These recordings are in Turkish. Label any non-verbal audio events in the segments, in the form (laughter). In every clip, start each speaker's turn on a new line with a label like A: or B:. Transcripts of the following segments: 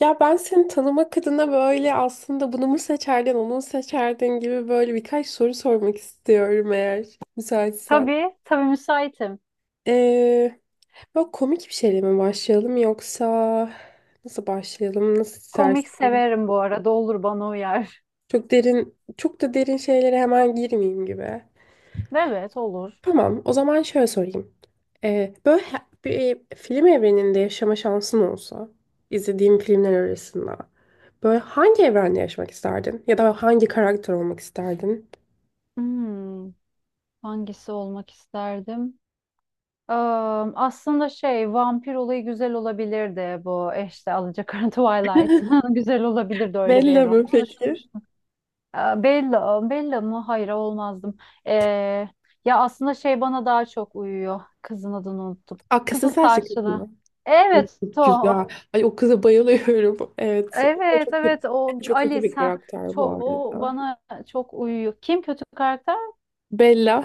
A: Ya ben seni tanımak adına böyle aslında bunu mu seçerdin, onu mu seçerdin gibi böyle birkaç soru sormak istiyorum eğer müsaitsen.
B: Tabii, tabii müsaitim.
A: Ee, Böyle komik bir şeyle mi başlayalım yoksa nasıl başlayalım, nasıl
B: Komik
A: istersin?
B: severim bu arada. Olur bana uyar.
A: Çok derin, çok da derin şeylere hemen girmeyeyim gibi.
B: (laughs) Evet, olur.
A: Tamam, o zaman şöyle sorayım. Ee, böyle he- Bir film evreninde yaşama şansın olsa, izlediğim filmler arasında. Böyle hangi evrende yaşamak isterdin? Ya da hangi karakter olmak isterdin?
B: Hmm, hangisi olmak isterdim? Eee, aslında şey, vampir olayı güzel olabilirdi bu. E işte Alacakaranlı (laughs) Twilight. (laughs) Güzel olabilirdi öyle bir
A: Bella
B: evren.
A: mı
B: Bunu
A: peki?
B: düşünmüştüm. Bella, Bella mı? Hayır, olmazdım. Eee, ya aslında şey bana daha çok uyuyor. Kızın adını unuttum.
A: Aa, kızın
B: Kızıl
A: saçlı kız
B: saçlı.
A: mı? Ay,
B: Evet,
A: çok
B: o.
A: güzel. Ay o kıza bayılıyorum. Evet. O da
B: Evet,
A: çok kötü,
B: evet, o
A: çok kötü
B: Alice,
A: bir
B: ha?
A: karakter bu
B: çok o
A: arada.
B: bana Çok uyuyor. Kim kötü karakter?
A: Bella.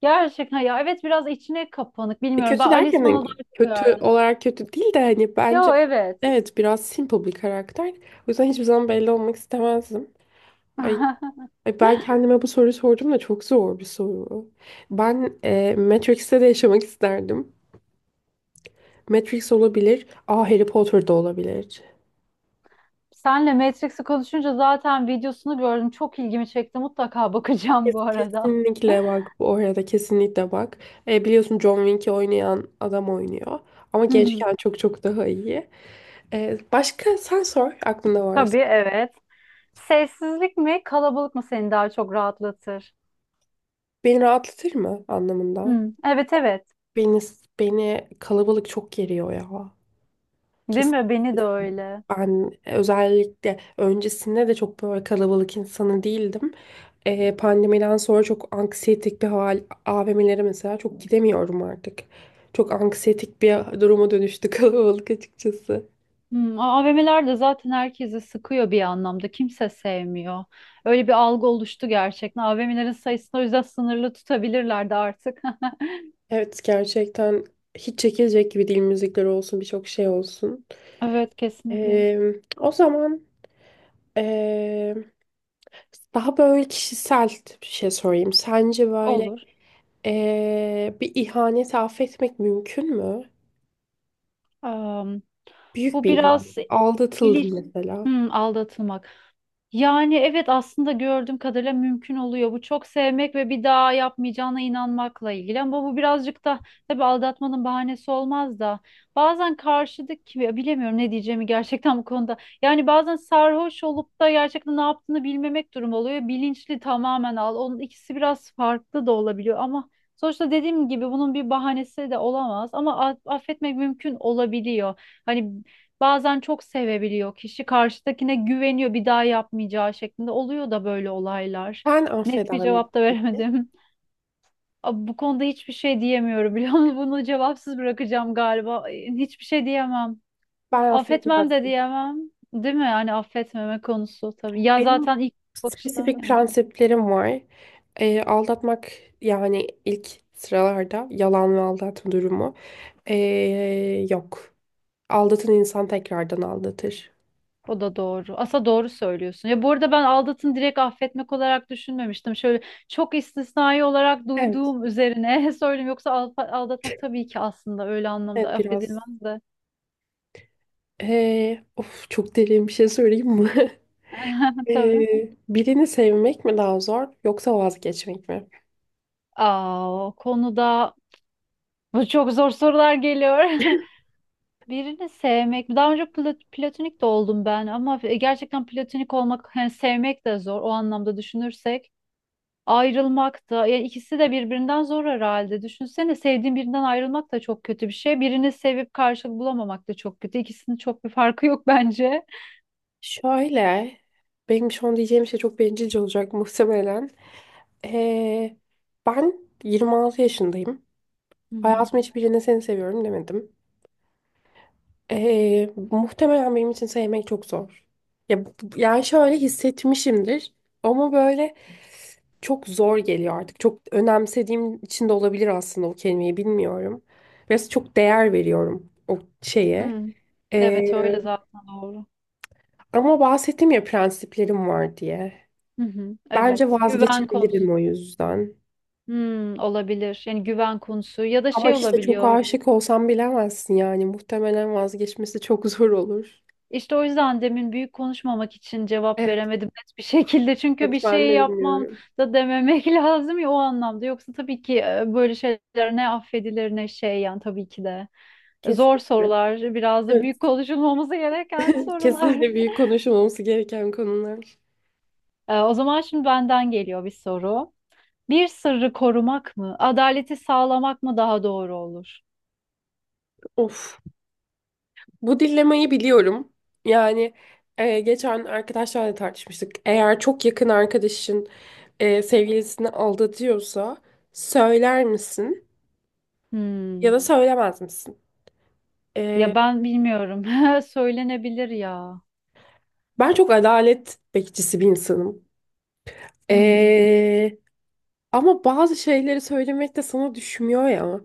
B: Gerçekten ya, evet, biraz içine kapanık,
A: E,
B: bilmiyorum. Ben
A: kötü
B: Alice
A: derken
B: bana
A: hani
B: daha çok
A: kötü
B: uyardı.
A: olarak kötü değil de hani
B: Yo,
A: bence
B: evet.
A: evet biraz simple bir karakter. O yüzden hiçbir zaman Bella olmak istemezdim. Ay,
B: (laughs)
A: ay, ben kendime bu soruyu sordum da çok zor bir soru. Ben Matrix'te de yaşamak isterdim. Matrix olabilir. Aa Harry Potter da olabilir.
B: Senle Matrix'i konuşunca zaten videosunu gördüm. Çok ilgimi çekti. Mutlaka bakacağım bu arada.
A: Kesinlikle bak, bu oraya da kesinlikle bak. Biliyorsun John Wick'i oynayan adam oynuyor. Ama
B: Hı hı.
A: gençken çok çok daha iyi. Başka sen sor aklında varsa.
B: Tabii, evet. Sessizlik mi, kalabalık mı seni daha çok rahatlatır?
A: Beni rahatlatır mı anlamında?
B: Hı. Evet, evet.
A: Beni, Beni kalabalık çok geriyor ya.
B: Değil mi?
A: Kesin.
B: Beni de öyle.
A: Ben özellikle öncesinde de çok böyle kalabalık insanı değildim. Pandemiden sonra çok anksiyetik bir hal, AVM'lere mesela çok gidemiyorum artık. Çok anksiyetik bir duruma dönüştü (laughs) kalabalık açıkçası.
B: Hmm, AVM'ler de zaten herkesi sıkıyor bir anlamda. Kimse sevmiyor. Öyle bir algı oluştu gerçekten. AVM'lerin sayısını o yüzden sınırlı tutabilirlerdi artık. (laughs)
A: Evet, gerçekten hiç çekilecek gibi değil, müzikler olsun, birçok şey olsun.
B: Evet, kesinlikle.
A: Ee, o zaman ee, Daha böyle kişisel bir şey sorayım. Sence böyle
B: Olur.
A: bir ihaneti affetmek mümkün mü? Büyük
B: Bu
A: bir
B: biraz
A: ihanet.
B: İliş
A: Aldatıldım mesela.
B: hmm, aldatılmak. Yani evet, aslında gördüğüm kadarıyla mümkün oluyor. Bu çok sevmek ve bir daha yapmayacağına inanmakla ilgili. Ama bu birazcık da tabii, aldatmanın bahanesi olmaz da. Bazen karşıdaki ya, bilemiyorum ne diyeceğimi gerçekten bu konuda. Yani bazen sarhoş olup da gerçekten ne yaptığını bilmemek durumu oluyor. Bilinçli tamamen al. Onun ikisi biraz farklı da olabiliyor ama sonuçta dediğim gibi bunun bir bahanesi de olamaz ama affetmek mümkün olabiliyor. Hani bazen çok sevebiliyor kişi. Karşıdakine güveniyor bir daha yapmayacağı şeklinde. Oluyor da böyle olaylar.
A: Sen
B: Net
A: affeder
B: bir
A: miydin
B: cevap da
A: peki?
B: veremedim. (laughs) Abi, bu konuda hiçbir şey diyemiyorum, biliyor musun? (laughs) Bunu cevapsız bırakacağım galiba. Ay, hiçbir şey diyemem.
A: Ben
B: Affetmem de
A: affetmezdim.
B: diyemem. Değil mi? Yani affetmeme konusu tabii. Ya
A: Benim
B: zaten ilk bakışta
A: spesifik
B: yani.
A: prensiplerim var. Aldatmak, yani ilk sıralarda yalan ve aldatma durumu yok. Aldatan insan tekrardan aldatır.
B: O da doğru. Asa doğru söylüyorsun. Ya bu arada ben aldatın direkt affetmek olarak düşünmemiştim. Şöyle çok istisnai olarak
A: Evet,
B: duyduğum üzerine (laughs) söyleyeyim. Yoksa aldatmak tabii ki aslında öyle anlamda
A: evet biraz.
B: affedilmez de.
A: Of, çok derin bir şey söyleyeyim mi? (laughs)
B: (laughs) Tabii.
A: Birini sevmek mi daha zor, yoksa vazgeçmek mi?
B: Aa, o konuda bu çok zor sorular geliyor. (laughs) Birini sevmek. Daha önce platonik de oldum ben ama gerçekten platonik olmak, hani sevmek de zor o anlamda düşünürsek. Ayrılmak da yani, ikisi de birbirinden zor herhalde. Düşünsene, sevdiğin birinden ayrılmak da çok kötü bir şey. Birini sevip karşılık bulamamak da çok kötü. İkisinin çok bir farkı yok (laughs) bence.
A: Şöyle, benim şu an diyeceğim şey çok bencilce olacak (laughs) muhtemelen. Ee, Ben 26 yaşındayım.
B: Hı hı.
A: Hayatımın hiçbirine seni seviyorum demedim. Muhtemelen benim için sevmek çok zor. Ya, bu- yani şöyle hissetmişimdir ama böyle çok zor geliyor artık. Çok önemsediğim için de olabilir aslında, o kelimeyi bilmiyorum. Biraz çok değer veriyorum o şeye.
B: Hmm. Evet,
A: Ee,
B: öyle zaten, doğru.
A: Ama bahsettim ya prensiplerim var diye.
B: Hı hı.
A: Bence
B: Evet, güven konusu.
A: vazgeçebilirim o yüzden.
B: Hmm, olabilir. Yani güven konusu ya da
A: Ama
B: şey
A: işte çok
B: olabiliyor.
A: aşık olsam bilemezsin yani. Muhtemelen vazgeçmesi çok zor olur.
B: İşte o yüzden demin büyük konuşmamak için cevap
A: Evet,
B: veremedim net bir (laughs) şekilde. Çünkü
A: evet
B: bir
A: ben
B: şey
A: de
B: yapmam
A: bilmiyorum.
B: da dememek (laughs) lazım ya o anlamda. Yoksa tabii ki böyle şeyler ne affedilir ne şey yani tabii ki de. Zor
A: Kesinlikle.
B: sorular, biraz da
A: Evet.
B: büyük konuşulmaması gereken
A: (laughs)
B: sorular.
A: Kesinlikle büyük
B: (laughs)
A: konuşulması gereken konular.
B: O zaman şimdi benden geliyor bir soru. Bir sırrı korumak mı, adaleti sağlamak mı daha doğru olur?
A: Of. Bu dilemayı biliyorum. Yani geçen arkadaşlarla da tartışmıştık. Eğer çok yakın arkadaşın sevgilisini aldatıyorsa söyler misin ya
B: Hmm.
A: da söylemez misin?
B: Ya
A: E,
B: ben bilmiyorum. (laughs) Söylenebilir ya.
A: Ben çok adalet bekçisi bir insanım.
B: Hı hı.
A: Ee, Ama bazı şeyleri söylemek de sana düşmüyor ya.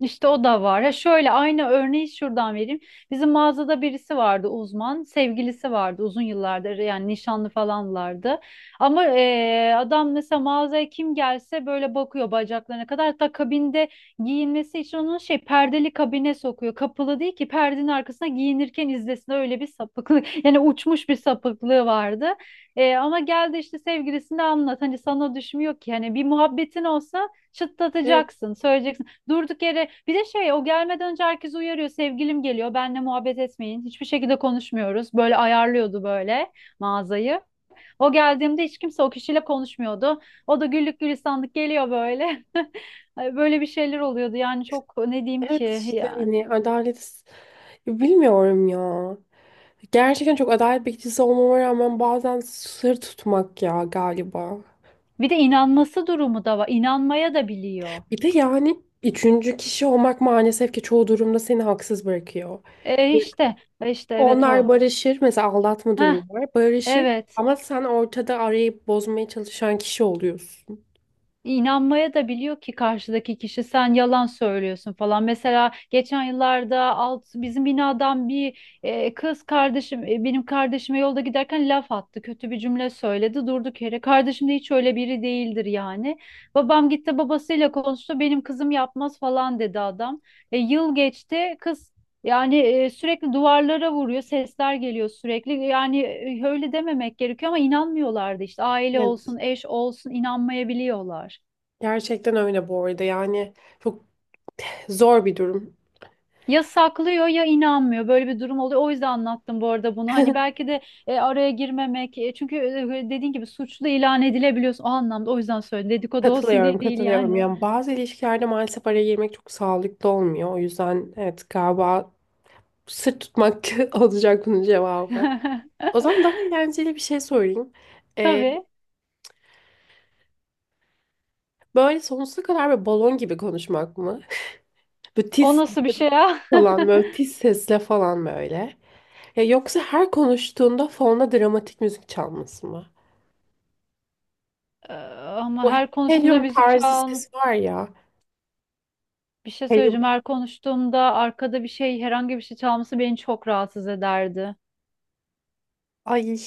B: İşte o da var. Ha, şöyle aynı örneği şuradan vereyim. Bizim mağazada birisi vardı, uzman. Sevgilisi vardı uzun yıllardır, yani nişanlı falanlardı. Ama adam mesela mağazaya kim gelse böyle bakıyor bacaklarına kadar. Hatta kabinde giyinmesi için onun şey perdeli kabine sokuyor. Kapılı değil ki, perdenin arkasına giyinirken izlesin, öyle bir sapıklık. (laughs) Yani uçmuş bir sapıklığı vardı. Ama geldi işte sevgilisini anlat. Hani sana düşmüyor ki. Hani bir muhabbetin olsa
A: Evet.
B: çıtlatacaksın. Söyleyeceksin. Durduk yere bir de şey, o gelmeden önce herkes uyarıyor, sevgilim geliyor benle muhabbet etmeyin hiçbir şekilde, konuşmuyoruz, böyle ayarlıyordu, böyle mağazayı. O geldiğimde hiç kimse o kişiyle konuşmuyordu, o da güllük gülistanlık geliyor böyle. (laughs) Ay, böyle bir şeyler oluyordu yani, çok ne diyeyim
A: Evet
B: ki
A: işte
B: yani.
A: hani adalet, bilmiyorum ya. Gerçekten çok adalet bekçisi olmama rağmen bazen sır tutmak ya galiba.
B: Bir de inanması durumu da var, inanmaya da biliyor.
A: Bir de yani üçüncü kişi olmak maalesef ki çoğu durumda seni haksız bırakıyor. Evet.
B: Evet,
A: Onlar
B: o.
A: barışır mesela, aldatma durumu
B: Heh,
A: var, barışır
B: evet.
A: ama sen ortada arayı bozmaya çalışan kişi oluyorsun.
B: İnanmaya da biliyor ki karşıdaki kişi sen yalan söylüyorsun falan. Mesela geçen yıllarda alt bizim binadan bir kız kardeşim, benim kardeşime yolda giderken laf attı. Kötü bir cümle söyledi. Durduk yere. Kardeşim de hiç öyle biri değildir yani. Babam gitti, babasıyla konuştu. Benim kızım yapmaz falan dedi adam. E, yıl geçti. Kız. Yani sürekli duvarlara vuruyor, sesler geliyor sürekli. Yani öyle dememek gerekiyor ama inanmıyorlardı işte. Aile
A: Evet.
B: olsun, eş olsun inanmayabiliyorlar.
A: Gerçekten öyle bu arada. Yani çok zor bir durum.
B: Ya saklıyor ya inanmıyor. Böyle bir durum oluyor. O yüzden anlattım bu arada bunu. Hani belki de araya girmemek. Çünkü dediğin gibi suçlu ilan edilebiliyorsun. O anlamda, o yüzden söyledim. Dedikodu olsun
A: Katılıyorum,
B: diye değil
A: katılıyorum.
B: yani.
A: Yani bazı ilişkilerde maalesef araya girmek çok sağlıklı olmuyor. O yüzden evet, galiba sırt tutmak (laughs) olacak bunun cevabı.
B: (laughs)
A: O zaman daha eğlenceli bir şey sorayım. Ee,
B: Tabii.
A: Böyle sonsuza kadar böyle balon gibi konuşmak mı? (laughs) Böyle
B: O
A: tiz
B: nasıl bir şey ya? (laughs)
A: falan, böyle tiz sesle falan böyle. Ya yoksa her konuştuğunda fonda dramatik müzik çalması mı?
B: Ama
A: O
B: her konuştuğumda
A: helyum
B: müzik
A: tarzı
B: çal.
A: ses var ya.
B: Bir şey söyleyeceğim.
A: Helyum.
B: Her konuştuğumda arkada bir şey, herhangi bir şey çalması beni çok rahatsız ederdi.
A: Ay,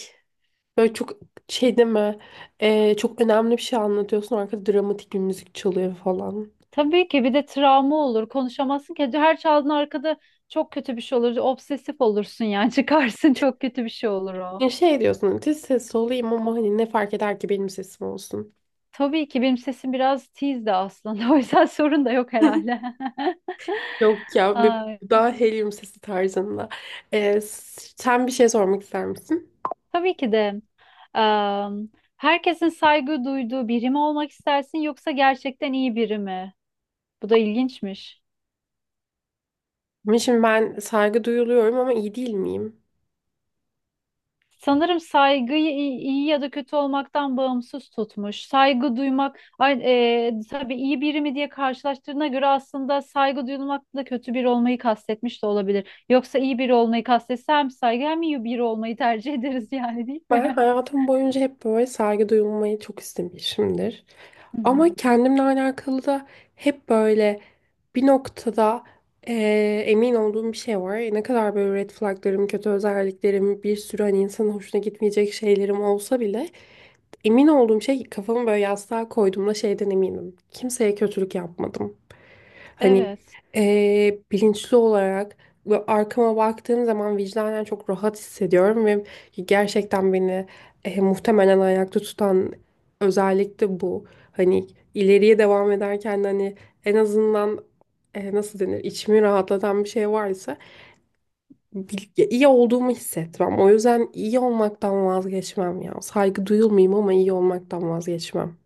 A: böyle çok şey deme, çok önemli bir şey anlatıyorsun, arkada dramatik bir müzik çalıyor falan.
B: Tabii ki bir de travma olur. Konuşamazsın ki. Her çaldığın arkada çok kötü bir şey olur. Obsesif olursun yani. (laughs) Çıkarsın, çok kötü bir şey olur o.
A: Ya şey diyorsun hani "Tiz sesli olayım ama hani ne fark eder ki benim sesim olsun."
B: Tabii ki benim sesim biraz tiz de aslında. (laughs) O yüzden sorun da yok herhalde.
A: (laughs) Yok
B: (laughs)
A: ya, bir
B: Ay,
A: daha helyum sesi tarzında. Sen bir şey sormak ister misin?
B: tabii ki de. Am, herkesin saygı duyduğu biri mi olmak istersin yoksa gerçekten iyi biri mi? Bu da ilginçmiş.
A: Ama şimdi ben saygı duyuluyorum ama iyi değil miyim?
B: Sanırım saygıyı iyi, iyi ya da kötü olmaktan bağımsız tutmuş. Saygı duymak, ay, tabii iyi biri mi diye karşılaştırdığına göre aslında saygı duyulmakla kötü biri olmayı kastetmiş de olabilir. Yoksa iyi biri olmayı kastetse hem saygı hem iyi biri olmayı tercih (laughs) ederiz yani, değil
A: Ben
B: mi?
A: hayatım boyunca hep böyle saygı duyulmayı çok istemişimdir.
B: (laughs) Hı hı.
A: Ama kendimle alakalı da hep böyle bir noktada emin olduğum bir şey var. Ne kadar böyle red flaglarım, kötü özelliklerim, bir sürü hani insanın hoşuna gitmeyecek şeylerim olsa bile emin olduğum şey, kafamı böyle yastığa koyduğumda şeyden eminim. Kimseye kötülük yapmadım. Hani
B: Evet.
A: bilinçli olarak ve arkama baktığım zaman vicdanen çok rahat hissediyorum ve gerçekten beni muhtemelen ayakta tutan özellik de bu. Hani ileriye devam ederken de hani en azından nasıl denir, içimi rahatlatan bir şey varsa ya iyi olduğumu hissetmem. O yüzden iyi olmaktan vazgeçmem ya. Saygı duyulmayayım ama iyi olmaktan vazgeçmem.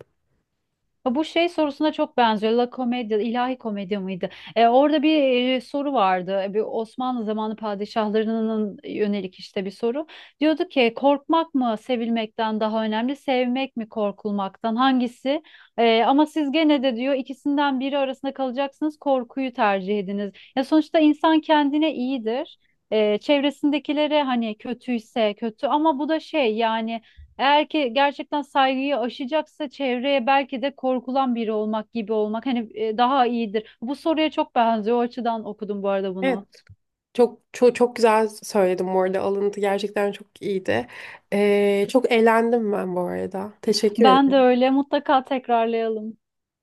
B: Bu şey sorusuna çok benziyor. La Commedia, ilahi komedi miydi? E, orada bir soru vardı. E, bir Osmanlı zamanı padişahlarının yönelik işte bir soru. Diyordu ki korkmak mı sevilmekten daha önemli, sevmek mi korkulmaktan, hangisi? E, ama siz gene de diyor ikisinden biri arasında kalacaksınız, korkuyu tercih ediniz. Ya sonuçta insan kendine iyidir. E, çevresindekilere hani kötüyse kötü ama bu da şey yani, eğer ki gerçekten saygıyı aşacaksa çevreye, belki de korkulan biri olmak gibi olmak hani daha iyidir. Bu soruya çok benziyor. O açıdan okudum bu arada
A: Evet,
B: bunu.
A: çok çok çok güzel söyledim bu arada. Alıntı gerçekten çok iyiydi. E, çok eğlendim ben bu arada. Teşekkür
B: Ben de
A: ederim.
B: öyle. Mutlaka tekrarlayalım.